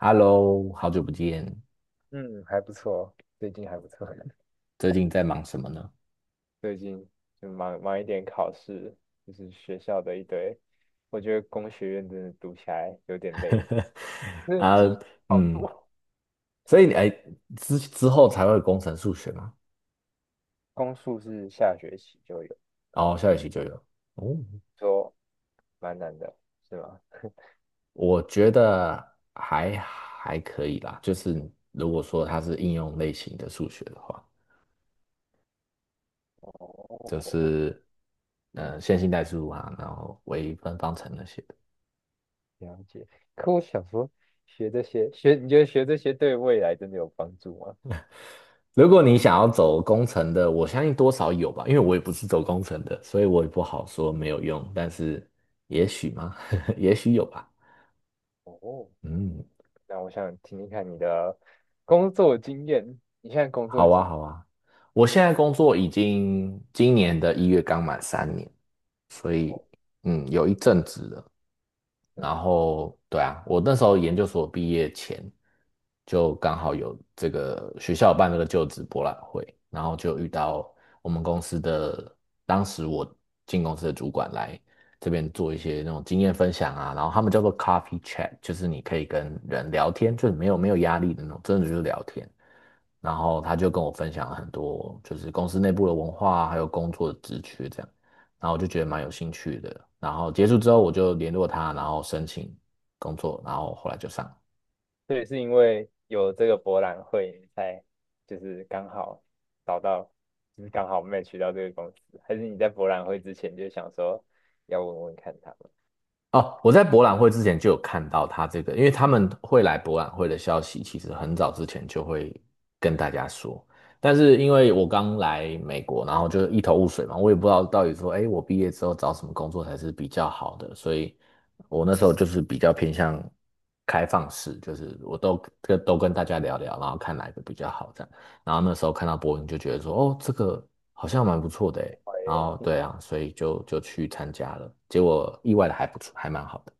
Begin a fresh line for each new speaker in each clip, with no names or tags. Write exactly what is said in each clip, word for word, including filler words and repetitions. Hello,好久不见，
嗯，还不错，最近还不错。
最近在忙什么呢？
最近就忙忙一点考试，就是学校的一堆。我觉得工学院真的读起来有点累，那
啊，
机好
嗯，
多。
所以你哎，之之后才会有工程数学嘛，
公数是下学期就有，
然后下学期就有。哦，
说蛮难的，是吗？
我觉得还还可以啦，就是如果说它是应用类型的数学的话，就
哦，
是呃
嗯，
线性代数啊，然后微分方程那些。
了解。可我想说，学这些学，你觉得学这些对未来真的有帮助吗？
如果你想要走工程的，我相信多少有吧，因为我也不是走工程的，所以我也不好说没有用，但是也许吗？也许有吧。
哦，
嗯，
那我想听听看你的工作经验。你现在工作
好啊，
几？
好啊。我现在工作已经今年的一月刚满三年，所以
哦，
嗯，有一阵子了。然后对啊，我那时候研究所毕业前就刚好有这个学校有办这个就职博览会，然后就遇到我们公司的当时我进公司的主管来这边做一些那种经验分享啊，然后他们叫做 coffee chat,就是你可以跟人聊天，就是没有没有压力的那种，真的就是聊天。然后他就跟我分享了很多，就是公司内部的文化啊还有工作的职缺这样。然后我就觉得蛮有兴趣的。然后结束之后，我就联络他，然后申请工作，然后后来就上了。
所以是因为有这个博览会，你才就是刚好找到，就是刚好 m a t c 到这个公司，还是你在博览会之前就想说要问问看他们？
哦，我在博览会之前就有看到他这个，因为他们会来博览会的消息，其实很早之前就会跟大家说。但是因为我刚来美国，然后就一头雾水嘛，我也不知道到底说，哎，我毕业之后找什么工作才是比较好的，所以我那时候就是比较偏向开放式，就是我都跟都跟大家聊聊，然后看哪一个比较好这样。然后那时候看到博文就觉得说，哦，这个好像蛮不错的诶，然
喂
后对啊，所以就就去参加了，结果意外的还不错，还蛮好的。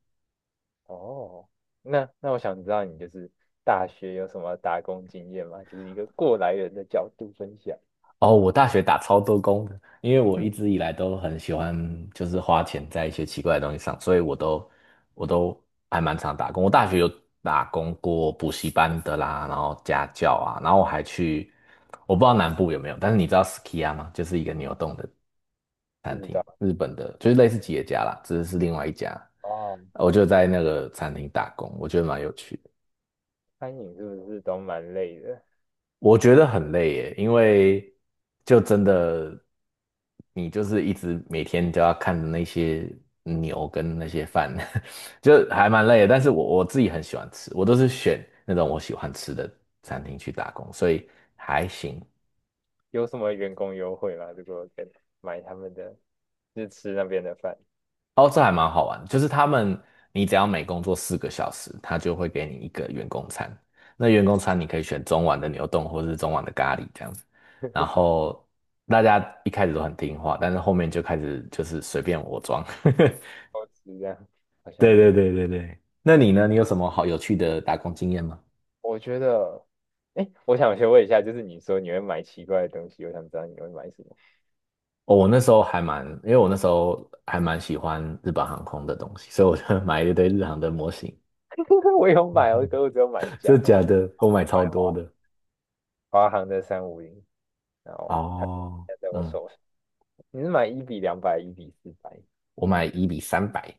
哦，那那我想知道你就是大学有什么打工经验吗？就是一个过来人的角度分享，
哦，我大学打超多工的，因为我一直以来都很喜欢，就是花钱在一些奇怪的东西上，所以我都我都还蛮常打工。我大学有打工过补习班的啦，然后家教啊，然后我还去，我不知道南部有没有，但是你知道 Skia 吗？就是一个牛洞的
不知道
日本的，就是类似企业家啦，只是是另外一家。
哦，
我就在那个餐厅打工，我觉得蛮有趣的。
餐饮是不是都蛮累的？
我觉得很累耶，因为就真的，你就是一直每天都要看着那些牛跟那些饭，就还蛮累的。但是我我自己很喜欢吃，我都是选那种我喜欢吃的餐厅去打工，所以还行。
有什么员工优惠吗？如果跟买他们的，就是吃那边的饭，
哦，这还蛮好玩的就是他们，你只要每工作四个小时，他就会给你一个员工餐。那员工餐你可以选中碗的牛丼或是中碗的咖喱这样子。然后大家一开始都很听话，但是后面就开始就是随便我装。
都吃这样，好像也
对对
没
对对对，那你呢？你有什么好有趣的打工经验吗？
我觉得，哎，我想先问一下，就是你说你会买奇怪的东西，我想知道你会买什么。
哦，我那时候还蛮，因为我那时候还蛮喜欢日本航空的东西，所以我就 买了一堆日航的模型。
我有买我可是我只有买一 架，
真的
我
假的？我买
买
超
华
多的。
华航的三五零，然后
哦，
现在我
嗯。
手上，你是买一比两百，一比四百，
我买一比三百，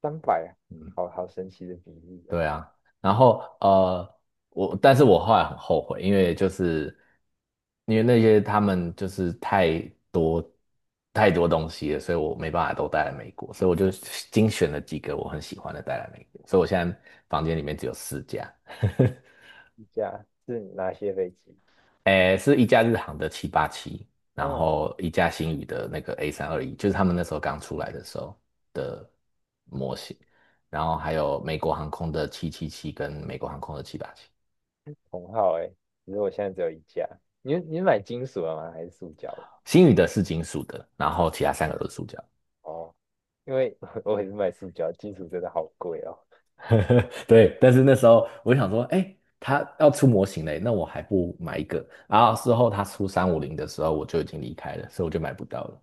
三百啊，
嗯，
好好神奇的比例哦。
对啊，然后呃，我但是我后来很后悔，因为就是因为那些他们就是太多太多东西了，所以我没办法都带来美国，所以我就精选了几个我很喜欢的带来美国，所以我现在房间里面只有四家，
一架是哪些飞机？
诶，是一架日航的七八七，然
嗯
后一架星宇的那个 A 三二一，就是他们那时候刚出来的时候的模型，然后还有美国航空的七七七跟美国航空的七八七，
同号哎，只是我现在只有一架。你你是买金属的吗？还是塑胶的？
星宇的是金属的，然后其他三个都是塑胶。
哦，因为 我也是买塑胶，金属真的好贵哦。
对，但是那时候我就想说，哎，他要出模型嘞，那我还不买一个？然后事后他出三五零的时候，我就已经离开了，所以我就买不到了。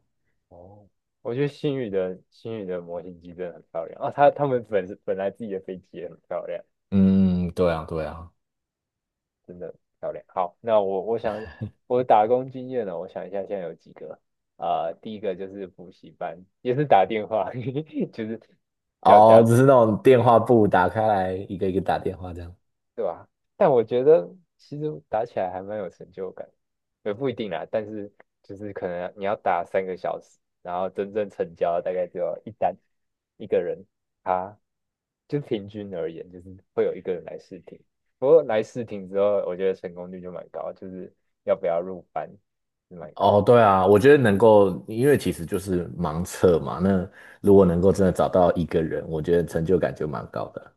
哦，我觉得星宇的星宇的模型机真的很漂亮啊，他他们本身本来自己的飞机也很漂亮，
嗯，对啊，对啊。
真的很漂亮。好，那我我想我打工经验呢，我想一下现在有几个啊、呃第一个就是补习班，也是打电话，就是要
哦，
加。
只是那种电话簿打开来，一个一个打电话这样。
对吧？但我觉得其实打起来还蛮有成就感，也不一定啦。但是就是可能你要打三个小时，然后真正成交大概就要一单一个人，他就平均而言，就是会有一个人来试听。不过来试听之后，我觉得成功率就蛮高，就是要不要入班是蛮高
哦，
的。
对啊，我觉得能够，因为其实就是盲测嘛。那如果能够真的找到一个人，我觉得成就感就蛮高的。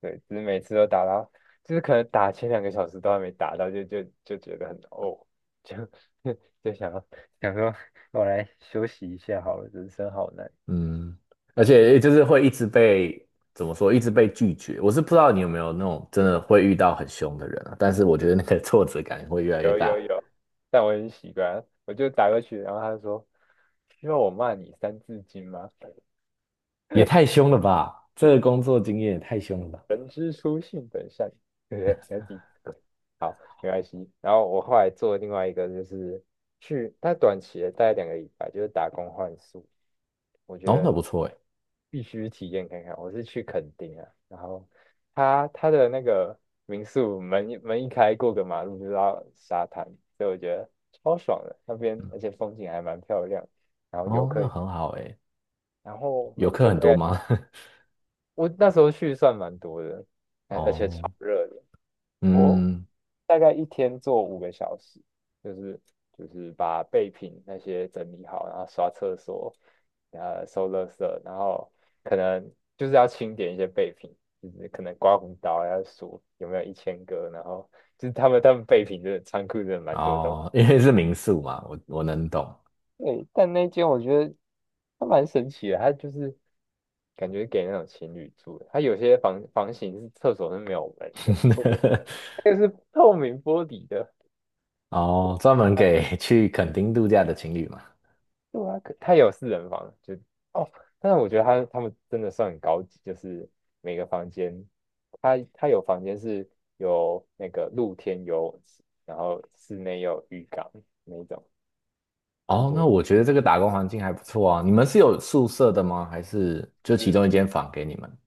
对，只是每次都打到，就是可能打前两个小时都还没打到，就就就觉得很哦，就 就想要想说我来休息一下好了，人生好难
嗯，
这
而
样。
且就是会一直被怎么说，一直被拒绝。我是不知道你有没有那种真的
对，
会遇到很凶的人啊，但是我觉得那个 挫折感会越来越
有
大。
有有，但我很习惯啊，我就打过去，然后他就说需要我骂你三字经吗？
也太凶了吧！这个工作经验也太凶了吧！
人之初性本善，对不对？三字好，没关系。然后我后来做另外一个就是去，他短期的大概两个礼拜，就是打工换宿。我觉
哦，那
得
不错哎。
必须体验看看。我是去垦丁啊，然后它它的那个民宿门一门一开，过个马路就到沙滩，所以我觉得超爽的。那边而且风景还蛮漂亮，然后游
哦，
客，
那很好哎。
然后
游
每
客
天
很
大
多
概
吗？
我那时候去算蛮多的，而而且超
哦，
热的，我
嗯。
大概一天做五个小时，就是就是把备品那些整理好，然后刷厕所，然后收垃圾，然后可能就是要清点一些备品，就是可能刮胡刀要数有没有一千个，然后就是他们他们备品真的仓库真的蛮多的东西。
哦，因为是民宿嘛，我我能懂。
对，但那间我觉得它蛮神奇的，它就是感觉给那种情侣住的，它有些房房型是厕所是没有门的，那个是透明玻璃的。
哦，专门给去垦丁度假的情侣嘛。
对啊，可它也有四人房，就哦，但是我觉得他他们真的算很高级，就是每个房间，它它有房间是有那个露天游泳池，然后室内有浴缸那一种，就
哦，
觉
那
得
我觉得这个打工环境还不错啊。你们是有宿舍的吗？还是就其
嗯，
中一间房给你们？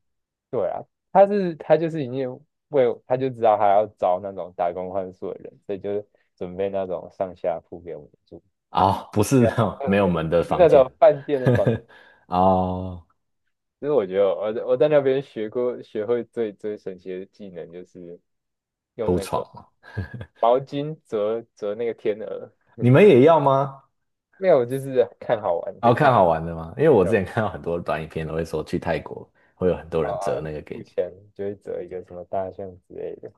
对啊，他是他就是已经为他就知道他要招那种打工换宿的人，所以就是准备那种上下铺给我们住，
哦，不是
没有
那种
没有
没有门的
就是
房
那
间。
种饭店的房子。
哦，
其实我觉得我在我在那边学过学会最最神奇的技能，就是用
铺
那
床
个
嘛。
毛巾折折那个天鹅，
你们也要吗？
没有，就是看好玩，就
哦，看
看
好玩的吗？因为我之
要
前看到很多短影片都会说去泰国会有很多人折那个给
付
你。
钱就会折一个什么大象之类的。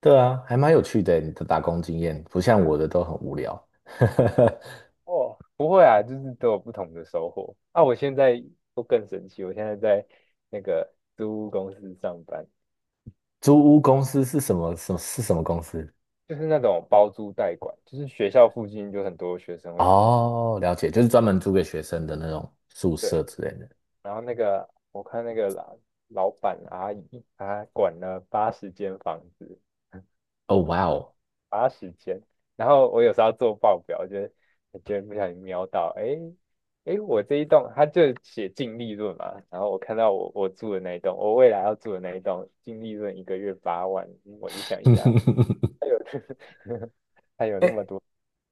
对啊，还蛮有趣的欸，你的打工经验不像我的都很无聊。
哦，不会啊，就是都有不同的收获。啊，我现在都更神奇，我现在在那个租屋公司上班，
租屋公司是什么？什么是什么公司？
就是那种包租代管，就是学校附近就很多学生会
哦，了解，就是专门租给学生的那种宿舍
对，
之类的。
然后那个我看那个老老板阿姨，她管了八十间房子。
哦，哇哦，
花时间。然后我有时候要做报表，就是我觉得不小心瞄到，哎哎，我这一栋它就写净利润嘛，然后我看到我我住的那一栋，我未来要住的那一栋净利润一个月八万，嗯我就想一下，哎呦，
哎，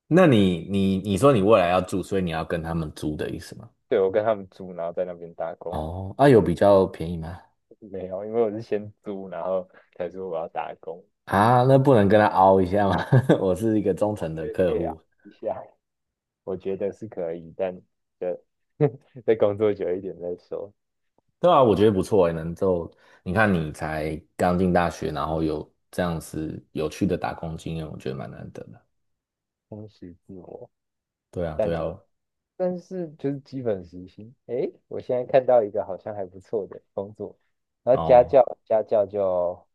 那你你你说你未来要住，所以你要跟他们租的意思吗？
对我跟他们租，然后在那边打工，
哦，啊，有比较便宜吗？
没有，因为我是先租，然后才说我要打工，
啊，那不能跟他凹一下吗？我是一个忠
我
诚的
觉得可
客
以啊，
户。
一下，我觉得是可以，但就 再工作久一点再说，
对啊，我觉得不错欸，能够你看你才刚进大学，然后有这样子有趣的打工经验，我觉得蛮难得的。
充实自我。
对啊，
但。
对啊，
但是就是基本时薪。诶，我现在看到一个好像还不错的工作，然后家
哦。
教家教就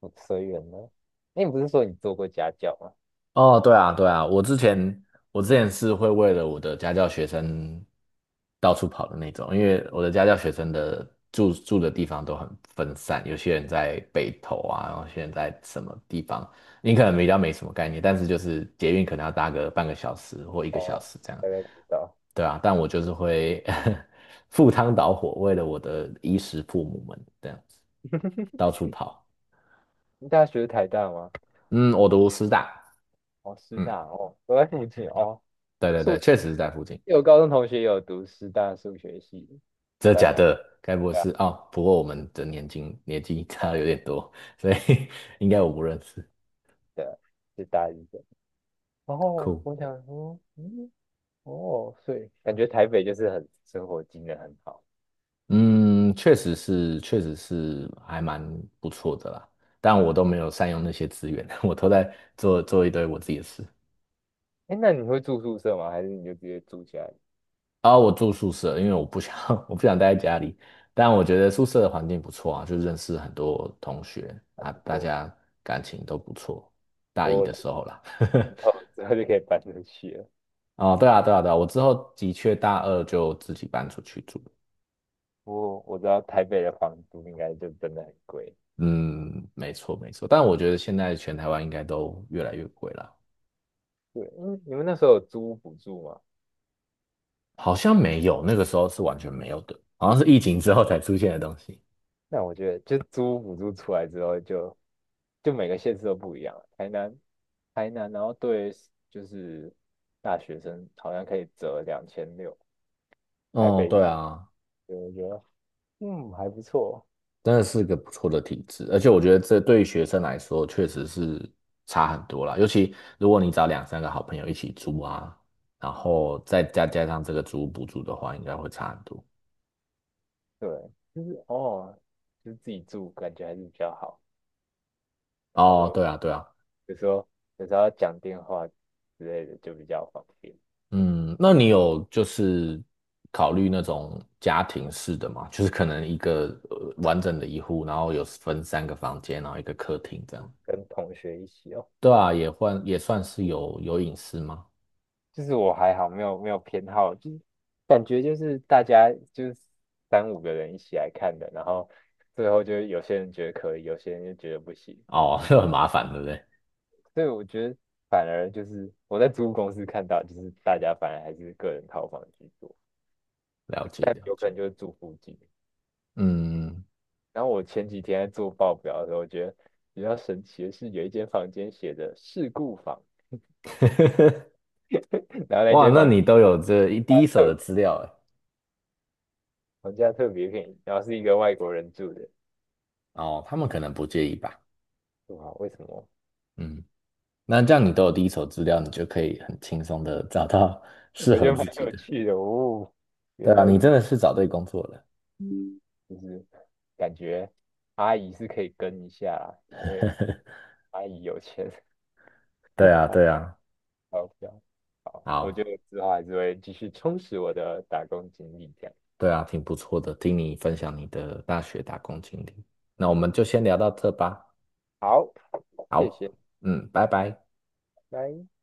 不随缘了。那你不是说你做过家教吗？
哦，对啊，对啊，我之前我之前是会为了我的家教学生到处跑的那种，因为我的家教学生的住住的地方都很分散，有些人在北投啊，然后有些人在什么地方，你可能比较没什么概念，但是就是捷运可能要搭个半个小时或一个小
哦，
时这样，
大概知道。
对啊，但我就是会 赴汤蹈火，为了我的衣食父母们这样子到处跑，
你大学是台大吗？
嗯，我读师大，
哦，师
嗯，
大哦，都在附近哦。
对对对，
数，
确实是在附近。
有高中同学有读师大数学系，
真的
但
假
哦，
的？该不会是哦？不过我们的年纪年纪差的有点多，所以 应该我不认识。
对啊，是大一的。然后
酷，
我想说，嗯，哦，所以感觉台北就是很生活机能很好。
嗯，确实是，确实是还蛮不错的啦。但我都没有善用那些资源，我都在做做一堆我自己的事。
哎，那你会住宿舍吗？还是你就直接住起来？
啊、我住宿舍，因为我不想 我不想待在家里。但我觉得宿舍的环境不错啊，就认识很多同学
还
啊，
不
大
错，
家感情都不错。大一
我
的
觉得
时候啦。
我之后就可以搬出去了。
哦，对啊，对啊，对啊，我之后的确大二就自己搬出去住。
我我知道台北的房租应该就真的很贵。
嗯，没错，没错。但我觉得现在全台湾应该都越来越贵了，
对，嗯，你们那时候有租屋补助吗？
好像没有，那个时候是完全没有的，好像是疫情之后才出现的东西。
那我觉得就租屋补助出来之后就，就每个县市都不一样了台南，台南，然后对就是大学生好像可以折两千六，台
哦，
北
对
对
啊，
我觉得嗯还不错。
真的是个不错的体制，而且我觉得这对于学生来说确实是差很多啦。尤其如果你找两三个好朋友一起租啊，然后再加加上这个租屋补助的话，应该会差很多。
对，就是哦，就是自己住感觉还是比较好。他
哦，
说
对啊，对啊，
有时候有时候要讲电话之类的就比较方便，
嗯，那你有就是考虑那种家庭式的吗？就是可能一个呃完整的一户，然后有分三个房间，然后一个客厅这样。
跟同学一起哦。
对啊，也换也算是有有隐私吗？
就是我还好，没有没有偏好，就是感觉就是大家就是三五个人一起来看的，然后最后就有些人觉得可以，有些人就觉得不行，
哦，
是
很麻烦，对不对？
所以我觉得反而就是我在租屋公司看到，就是大家反而还是个人套房居多，
了解了
有可
解。
能就是住附近。
嗯，
然后我前几天在做报表的时候，我觉得比较神奇的是有一间房间写着事故房，然后那
哇，
间
那
房。
你都有这一第一 手
特
的资
别，
料哎。
房价特别便宜，然后是一个外国人住的，
哦，他们可能不介意吧。
哇，为什么？
嗯，那这样你都有第一手资料，你就可以很轻松的找到 适
我觉
合
得蛮
自己
有
的。
趣的哦，
对
原
啊，
来
你
如
真的是找对工作了。
就是感觉阿姨是可以跟一下啦，因为阿姨有钱，
对 啊，
好
对啊，
好不要好，我觉
好，
得之后还是会继续充实我的打工经历这样。
对啊，挺不错的，听你分享你的大学打工经历。那我们就先聊到这吧。
好，谢
好，
谢，
嗯，拜拜。
拜。